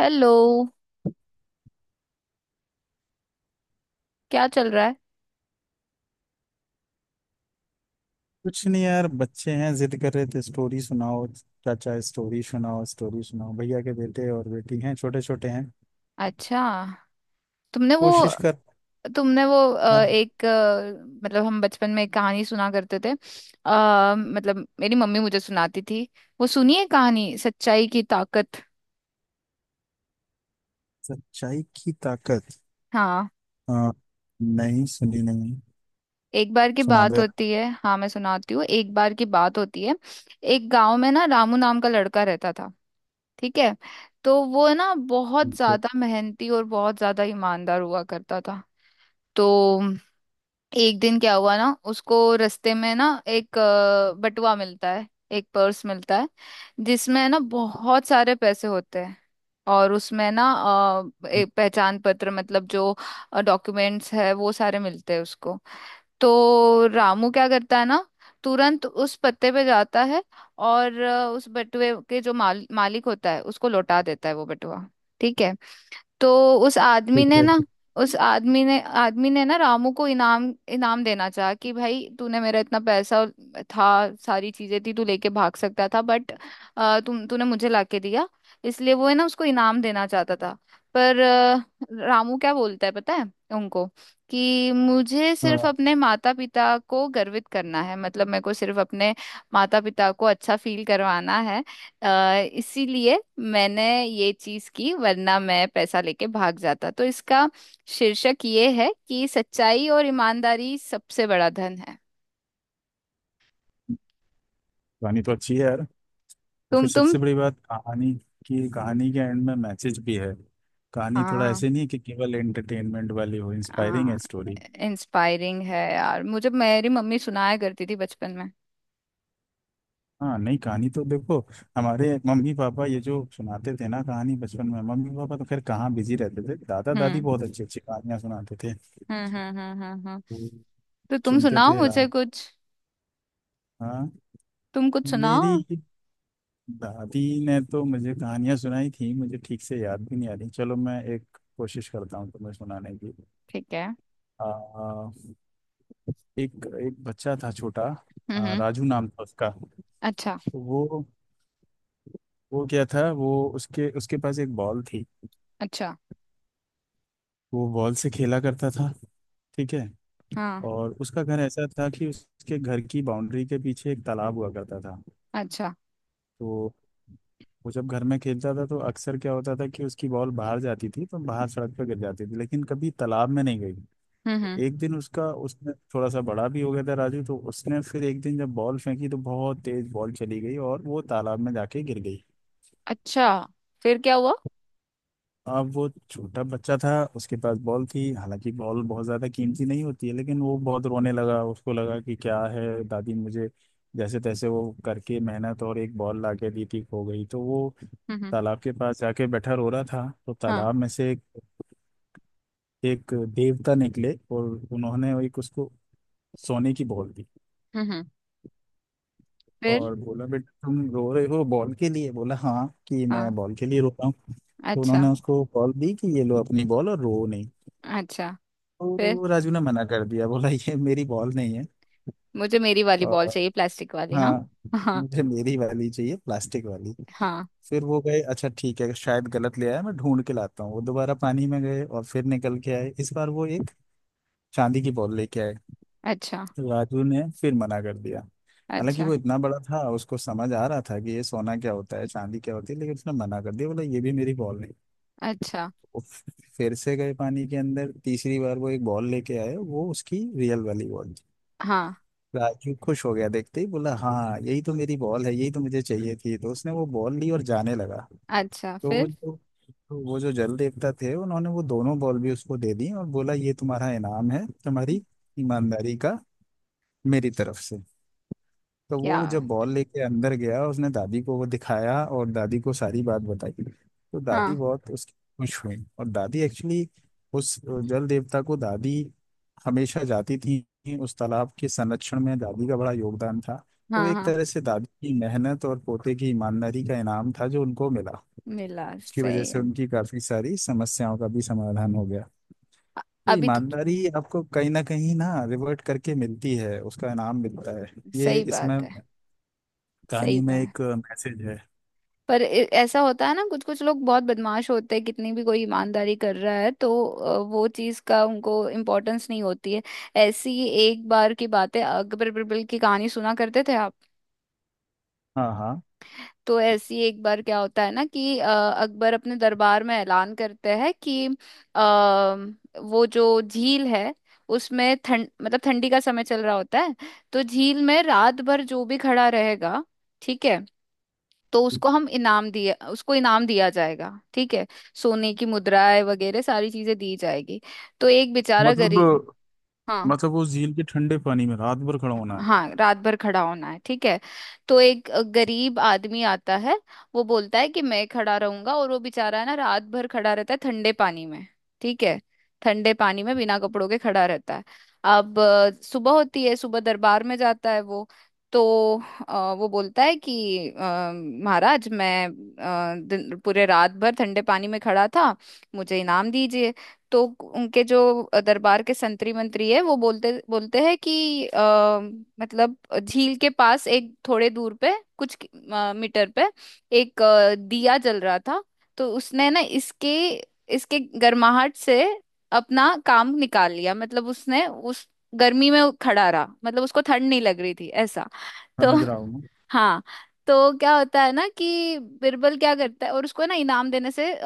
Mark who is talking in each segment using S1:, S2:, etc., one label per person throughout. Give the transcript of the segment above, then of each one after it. S1: Hello. क्या चल रहा है?
S2: कुछ नहीं यार, बच्चे हैं जिद कर रहे थे स्टोरी सुनाओ, चाचा स्टोरी सुनाओ स्टोरी सुनाओ। भैया के बेटे और बेटी हैं, छोटे छोटे हैं,
S1: अच्छा। तुमने वो
S2: कोशिश कर।
S1: तुमने वो
S2: हाँ।
S1: एक मतलब हम बचपन में एक कहानी सुना करते थे। मतलब मेरी मम्मी मुझे सुनाती थी। वो सुनिए कहानी, सच्चाई की ताकत।
S2: सच्चाई की ताकत।
S1: हाँ।
S2: हाँ, नहीं सुनी, नहीं,
S1: एक बार की
S2: सुना दो
S1: बात
S2: यार।
S1: होती है, हाँ मैं सुनाती हूँ, एक बार की बात होती है। एक गांव में ना, रामू नाम का लड़का रहता था। ठीक है। तो वो ना बहुत
S2: ठीक है।
S1: ज्यादा मेहनती और बहुत ज्यादा ईमानदार हुआ करता था। तो एक दिन क्या हुआ ना, उसको रास्ते में ना एक बटुआ मिलता है। एक पर्स मिलता है जिसमें ना बहुत सारे पैसे होते हैं। और उसमें ना एक पहचान पत्र, मतलब जो डॉक्यूमेंट्स है वो सारे मिलते हैं उसको। तो रामू क्या करता है ना, तुरंत उस पत्ते पे जाता है और उस बटुए के जो मालिक होता है उसको लौटा देता है वो बटुआ। ठीक है। तो उस आदमी
S2: ठीक
S1: ने
S2: है।
S1: ना रामू को इनाम इनाम देना चाहा, कि भाई तूने मेरा इतना पैसा और था, सारी चीजें थी, तू लेके भाग सकता था बट तुम तूने मुझे लाके दिया, इसलिए वो है ना उसको इनाम देना चाहता था। पर रामू क्या बोलता है पता है उनको, कि मुझे सिर्फ
S2: हाँ।
S1: अपने माता पिता को गर्वित करना है, मतलब मेरे को सिर्फ अपने माता पिता को अच्छा फील करवाना है। अ, इसीलिए मैंने ये चीज की, वरना मैं पैसा लेके भाग जाता। तो इसका शीर्षक ये है कि सच्चाई और ईमानदारी सबसे बड़ा धन है।
S2: कहानी तो अच्छी है यार। और
S1: तुम
S2: फिर
S1: तुम
S2: सबसे बड़ी बात कहानी की, कहानी के एंड में मैसेज भी है। कहानी थोड़ा
S1: हाँ।
S2: ऐसे नहीं है कि केवल एंटरटेनमेंट वाली हो, इंस्पायरिंग है
S1: हाँ।
S2: स्टोरी।
S1: इंस्पायरिंग है यार, मुझे मेरी मम्मी सुनाया करती थी बचपन में।
S2: हाँ, नहीं कहानी तो देखो, हमारे मम्मी पापा ये जो सुनाते थे ना कहानी बचपन में, मम्मी पापा तो खैर कहाँ बिजी रहते थे, दादा दादी
S1: हम्म।
S2: बहुत अच्छी अच्छी कहानियां सुनाते थे
S1: हम्म। हम्म। हम्म। हम्म। हम्म।
S2: तो
S1: तो तुम
S2: सुनते
S1: सुनाओ
S2: थे
S1: मुझे
S2: राज।
S1: कुछ।
S2: हाँ।
S1: तुम कुछ
S2: मेरी
S1: सुनाओ।
S2: दादी ने तो मुझे कहानियां सुनाई थी, मुझे ठीक से याद भी नहीं आ रही। चलो मैं एक कोशिश करता हूँ तुम्हें सुनाने की।
S1: ठीक है।
S2: आ, एक एक बच्चा था छोटा।
S1: हम्म। हम्म।
S2: राजू नाम था उसका। तो
S1: अच्छा।
S2: वो वो क्या था, वो उसके उसके पास एक बॉल थी।
S1: अच्छा।
S2: वो बॉल से खेला करता था, ठीक है।
S1: हाँ।
S2: और उसका घर ऐसा था कि उसके घर की बाउंड्री के पीछे एक तालाब हुआ करता था।
S1: अच्छा।
S2: तो वो जब घर में खेलता था तो अक्सर क्या होता था कि उसकी बॉल बाहर जाती थी तो बाहर सड़क पर गिर जाती थी, लेकिन कभी तालाब में नहीं गई।
S1: हम्म।
S2: तो
S1: हम्म।
S2: एक दिन उसका, उसने थोड़ा सा बड़ा भी हो गया था राजू, तो उसने फिर एक दिन जब बॉल फेंकी तो बहुत तेज बॉल चली गई और वो तालाब में जाके गिर गई।
S1: अच्छा, फिर क्या हुआ?
S2: अब वो छोटा बच्चा था, उसके पास बॉल थी, हालांकि बॉल बहुत ज़्यादा कीमती नहीं होती है, लेकिन वो बहुत रोने लगा। उसको लगा कि क्या है, दादी मुझे जैसे तैसे वो करके मेहनत और एक बॉल ला के दी थी, खो गई। तो वो
S1: हम्म। हम्म।
S2: तालाब के पास जाके बैठा रो रहा था, तो
S1: हाँ।
S2: तालाब में से एक देवता निकले और उन्होंने एक, उसको सोने की बॉल दी
S1: हम्म। हम्म। फिर।
S2: और बोला बेटा तुम रो रहे हो बॉल के लिए, बोला हाँ कि
S1: हाँ।
S2: मैं बॉल के लिए रो रहा हूँ। तो
S1: अच्छा।
S2: उन्होंने उसको बॉल दी कि ये लो अपनी बॉल और रो नहीं।
S1: अच्छा, फिर
S2: तो राजू ने मना कर दिया, बोला ये मेरी बॉल नहीं है
S1: मुझे मेरी वाली बॉल
S2: और
S1: चाहिए, प्लास्टिक वाली। हाँ।
S2: हाँ
S1: हाँ।
S2: मुझे मेरी वाली चाहिए, प्लास्टिक वाली।
S1: हाँ।
S2: फिर वो गए, अच्छा ठीक है शायद गलत ले आया, मैं ढूंढ के लाता हूँ। वो दोबारा पानी में गए और फिर निकल के आए, इस बार वो एक चांदी की बॉल लेके आए।
S1: अच्छा।
S2: तो राजू ने फिर मना कर दिया, हालांकि
S1: अच्छा।
S2: वो इतना बड़ा था उसको समझ आ रहा था कि ये सोना क्या होता है चांदी क्या होती है, लेकिन उसने मना कर दिया बोला ये भी मेरी बॉल नहीं।
S1: अच्छा।
S2: वो फिर से गए पानी के अंदर, तीसरी बार वो एक बॉल लेके आए, वो उसकी रियल वाली बॉल।
S1: हाँ।
S2: राजू खुश हो गया, देखते ही बोला हाँ यही तो मेरी बॉल है यही तो मुझे चाहिए थी। तो उसने वो बॉल ली और जाने लगा,
S1: अच्छा,
S2: तो वो
S1: फिर
S2: जो वो जो जल देवता थे उन्होंने वो दोनों बॉल भी उसको दे दी और बोला ये तुम्हारा इनाम है, तुम्हारी ईमानदारी का, मेरी तरफ से। तो
S1: क्या?
S2: वो जब बॉल लेके अंदर गया उसने दादी को वो दिखाया और दादी को सारी बात बताई, तो दादी
S1: हाँ।
S2: बहुत उसकी खुश हुई। और दादी एक्चुअली उस जल देवता को दादी हमेशा जाती थी, उस तालाब के संरक्षण में दादी का बड़ा योगदान था। तो वो
S1: हाँ।
S2: एक
S1: हाँ।
S2: तरह से दादी की मेहनत और पोते की ईमानदारी का इनाम था जो उनको मिला।
S1: मिला,
S2: उसकी वजह
S1: सही
S2: से
S1: है।
S2: उनकी काफी सारी समस्याओं का भी समाधान हो गया।
S1: अ-
S2: तो
S1: अभी तो
S2: ईमानदारी आपको कहीं ना रिवर्ट करके मिलती है, उसका इनाम मिलता है। ये
S1: सही
S2: इसमें
S1: बात है। सही
S2: कहानी में
S1: बात है।
S2: एक मैसेज है।
S1: पर ऐसा होता है ना, कुछ कुछ लोग बहुत बदमाश होते हैं, कितनी भी कोई ईमानदारी कर रहा है तो वो चीज का उनको इम्पोर्टेंस नहीं होती है। ऐसी एक बार की बात है, अकबर बिरबल की कहानी सुना करते थे आप?
S2: हाँ हाँ।
S1: तो ऐसी एक बार क्या होता है ना कि अकबर अपने दरबार में ऐलान करते हैं कि अ, वो जो झील है, उसमें ठंड मतलब ठंडी का समय चल रहा होता है, तो झील में रात भर जो भी खड़ा रहेगा, ठीक है, तो उसको इनाम दिया जाएगा। ठीक है। सोने की मुद्राएं वगैरह सारी चीजें दी जाएगी। तो एक बेचारा
S2: मतलब
S1: गरीब। हाँ।
S2: मतलब वो झील के ठंडे पानी में रात भर खड़ा होना है।
S1: हाँ, रात भर खड़ा होना है, ठीक है। तो एक गरीब आदमी आता है, वो बोलता है कि मैं खड़ा रहूंगा, और वो बेचारा है ना, रात भर खड़ा रहता है ठंडे पानी में। ठीक है। ठंडे पानी में बिना कपड़ों के खड़ा रहता है। अब सुबह होती है, सुबह दरबार में जाता है वो। तो वो बोलता है कि महाराज मैं पूरे रात भर ठंडे पानी में खड़ा था, मुझे इनाम दीजिए। तो उनके जो दरबार के संतरी मंत्री है वो बोलते बोलते हैं कि मतलब झील के पास एक थोड़े दूर पे, कुछ मीटर पे एक दिया जल रहा था, तो उसने ना इसके इसके गर्माहट से अपना काम निकाल लिया, मतलब उसने उस गर्मी में खड़ा रहा, मतलब उसको ठंड नहीं लग रही थी ऐसा। तो
S2: समझ रहा हूँ मैं।
S1: हाँ, तो क्या होता है ना कि बिरबल क्या करता है, और उसको ना इनाम देने से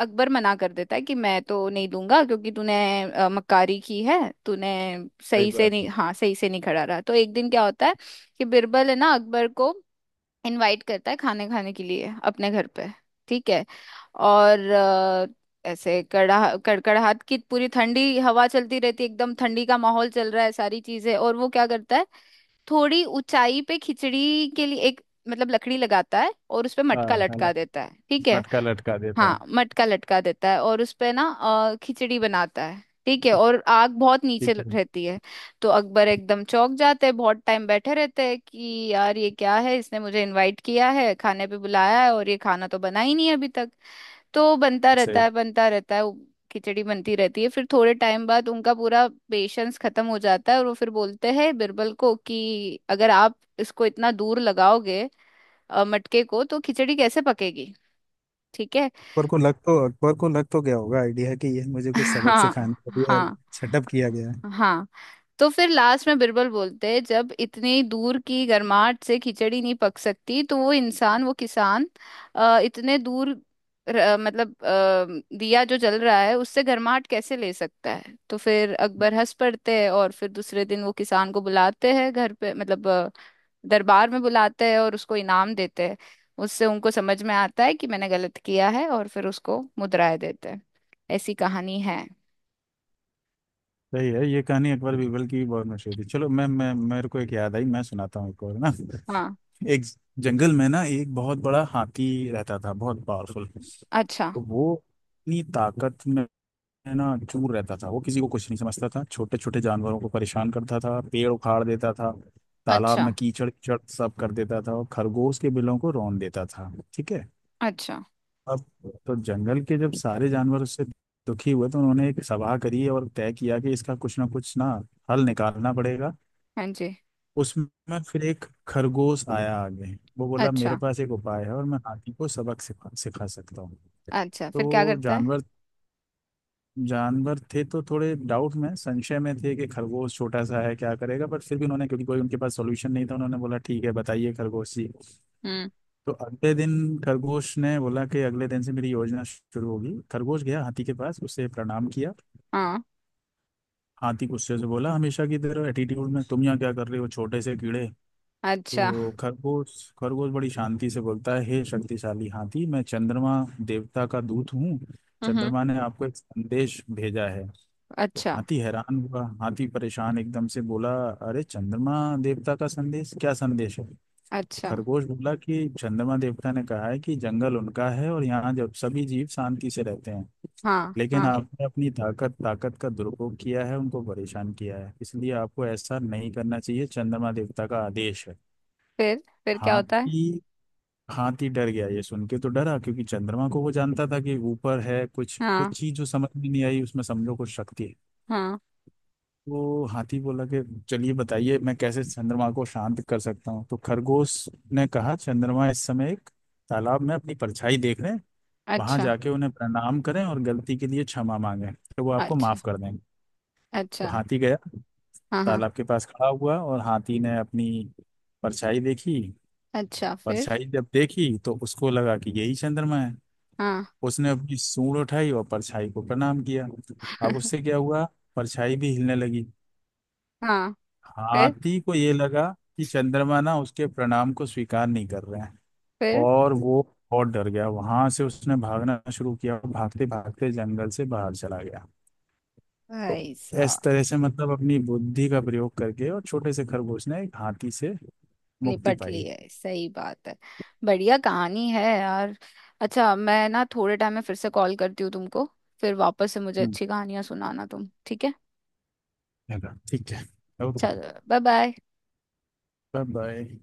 S1: अकबर मना कर देता है कि मैं तो नहीं दूंगा, क्योंकि तूने मक्कारी की है, तूने
S2: सही बात है।
S1: सही से नहीं खड़ा रहा। तो एक दिन क्या होता है कि बिरबल है ना, अकबर को इनवाइट करता है खाने खाने के लिए अपने घर पे। ठीक है। और ऐसे कड़ा कड़कड़ाहट की पूरी ठंडी हवा चलती रहती है, एकदम ठंडी का माहौल चल रहा है, सारी चीजें, और वो क्या करता है? थोड़ी ऊंचाई पे खिचड़ी के लिए एक, मतलब लकड़ी लगाता है और उस पे
S2: हाँ
S1: मटका
S2: हाँ,
S1: लटका देता है, ठीक है।
S2: मटका लटका देता
S1: हाँ,
S2: है।
S1: मटका लटका देता है, और उस पे ना खिचड़ी बनाता है, ठीक है, और आग बहुत नीचे
S2: ठीक है।
S1: रहती है। तो अकबर एकदम चौंक जाते हैं, बहुत टाइम बैठे रहते हैं कि यार ये क्या है, इसने मुझे इनवाइट किया है, खाने पे बुलाया है और ये खाना तो बना ही नहीं है अभी तक। तो बनता रहता
S2: सही।
S1: है, बनता रहता है वो, खिचड़ी बनती रहती है। फिर थोड़े टाइम बाद उनका पूरा पेशेंस खत्म हो जाता है और वो फिर बोलते हैं बिरबल को, कि अगर आप इसको इतना दूर लगाओगे मटके को, तो खिचड़ी कैसे पकेगी? ठीक है।
S2: अकबर को लग तो, अकबर को लग तो गया होगा आइडिया कि यह मुझे कुछ सबक
S1: हाँ।
S2: सिखाने के लिए
S1: हाँ।
S2: सेटअप किया गया है।
S1: हाँ। तो फिर लास्ट में बिरबल बोलते हैं, जब इतनी दूर की गर्माहट से खिचड़ी नहीं पक सकती तो वो किसान इतने दूर मतलब दिया जो जल रहा है उससे गर्माहट कैसे ले सकता है? तो फिर अकबर हंस पड़ते हैं, और फिर दूसरे दिन वो किसान को बुलाते हैं घर पे, मतलब दरबार में बुलाते हैं और उसको इनाम देते हैं। उससे उनको समझ में आता है कि मैंने गलत किया है, और फिर उसको मुद्राएं देते हैं। ऐसी कहानी है।
S2: सही है ये कहानी, अकबर बीरबल की भी बहुत मशहूर थी। चलो मैं मेरे को एक याद आई, मैं सुनाता हूँ एक और ना।
S1: हाँ।
S2: एक जंगल में ना एक बहुत बड़ा हाथी रहता था, बहुत पावरफुल।
S1: अच्छा।
S2: तो वो अपनी ताकत में, है ना, चूर रहता था। वो किसी को कुछ नहीं समझता था, छोटे छोटे जानवरों को परेशान करता था, पेड़ उखाड़ देता था, तालाब
S1: अच्छा।
S2: में कीचड़ कीचड़ सब कर देता था और खरगोश के बिलों को रौंद देता था, ठीक है।
S1: अच्छा।
S2: अब तो जंगल के जब सारे जानवर उससे दुखी हुए तो उन्होंने एक सभा करी और तय किया कि इसका कुछ ना हल निकालना पड़ेगा।
S1: हाँ जी।
S2: उसमें फिर एक खरगोश आया आगे, वो बोला मेरे
S1: अच्छा।
S2: पास एक उपाय है और मैं हाथी को सबक सिखा सिखा सकता हूँ।
S1: अच्छा, फिर क्या
S2: तो
S1: करता है?
S2: जानवर जानवर थे तो थोड़े डाउट में, संशय में थे कि खरगोश छोटा सा है क्या करेगा, बट फिर भी उन्होंने, क्योंकि कोई उनके पास सॉल्यूशन नहीं था, उन्होंने बोला ठीक है बताइए खरगोश जी।
S1: हम्म।
S2: तो अगले दिन, खरगोश ने बोला कि अगले दिन से मेरी योजना शुरू होगी। खरगोश गया हाथी के पास, उसे प्रणाम किया।
S1: हाँ।
S2: हाथी गुस्से से बोला हमेशा की तरह एटीट्यूड में, तुम यहाँ क्या कर रहे हो छोटे से कीड़े।
S1: अच्छा।
S2: तो खरगोश खरगोश बड़ी शांति से बोलता है, हे शक्तिशाली हाथी, मैं चंद्रमा देवता का दूत हूँ,
S1: हम्म।
S2: चंद्रमा ने आपको एक संदेश भेजा है। तो
S1: अच्छा।
S2: हाथी हैरान हुआ, हाथी परेशान एकदम से बोला, अरे चंद्रमा देवता का संदेश, क्या संदेश है। तो
S1: अच्छा।
S2: खरगोश बोला कि चंद्रमा देवता ने कहा है कि जंगल उनका है और यहाँ जब सभी जीव शांति से रहते हैं,
S1: हाँ।
S2: लेकिन
S1: हाँ।
S2: आपने अपनी ताकत ताकत का दुरुपयोग किया है, उनको परेशान किया है, इसलिए आपको ऐसा नहीं करना चाहिए, चंद्रमा देवता का आदेश है।
S1: फिर क्या होता है?
S2: हाथी हाथी डर गया ये सुन के, तो डरा क्योंकि चंद्रमा को वो जानता था कि ऊपर है कुछ,
S1: हाँ।
S2: कुछ चीज जो समझ में नहीं आई उसमें, समझो कुछ शक्ति है।
S1: हाँ।
S2: तो हाथी बोला कि चलिए बताइए मैं कैसे चंद्रमा को शांत कर सकता हूँ। तो खरगोश ने कहा चंद्रमा इस समय एक तालाब में अपनी परछाई देख रहे हैं, वहां
S1: अच्छा।
S2: जाके उन्हें प्रणाम करें और गलती के लिए क्षमा मांगे, तो वो आपको
S1: अच्छा।
S2: माफ कर देंगे। तो
S1: अच्छा।
S2: हाथी गया
S1: हाँ। हाँ।
S2: तालाब के पास, खड़ा हुआ और हाथी ने अपनी परछाई देखी।
S1: अच्छा। फिर।
S2: परछाई जब देखी तो उसको लगा कि यही चंद्रमा है।
S1: हाँ।
S2: उसने अपनी सूंड उठाई और परछाई को प्रणाम किया। अब उससे क्या हुआ, परछाई भी हिलने लगी।
S1: हाँ। फिर।
S2: हाथी को ये लगा कि चंद्रमा ना उसके प्रणाम को स्वीकार नहीं कर रहे हैं
S1: फिर
S2: और वो बहुत डर गया। वहां से उसने भागना शुरू किया और भागते भागते जंगल से बाहर चला गया। तो
S1: भाई साहब,
S2: इस तरह से मतलब अपनी बुद्धि का प्रयोग करके और छोटे से खरगोश ने एक हाथी से मुक्ति
S1: निपट ली
S2: पाई।
S1: है, सही बात है। बढ़िया कहानी है यार। अच्छा, मैं ना थोड़े टाइम में फिर से कॉल करती हूँ तुमको। फिर वापस से मुझे
S2: हम्म।
S1: अच्छी कहानियां सुनाना तुम, ठीक है?
S2: चलो, ठीक है। ओके।
S1: चलो बाय बाय।
S2: Bye bye.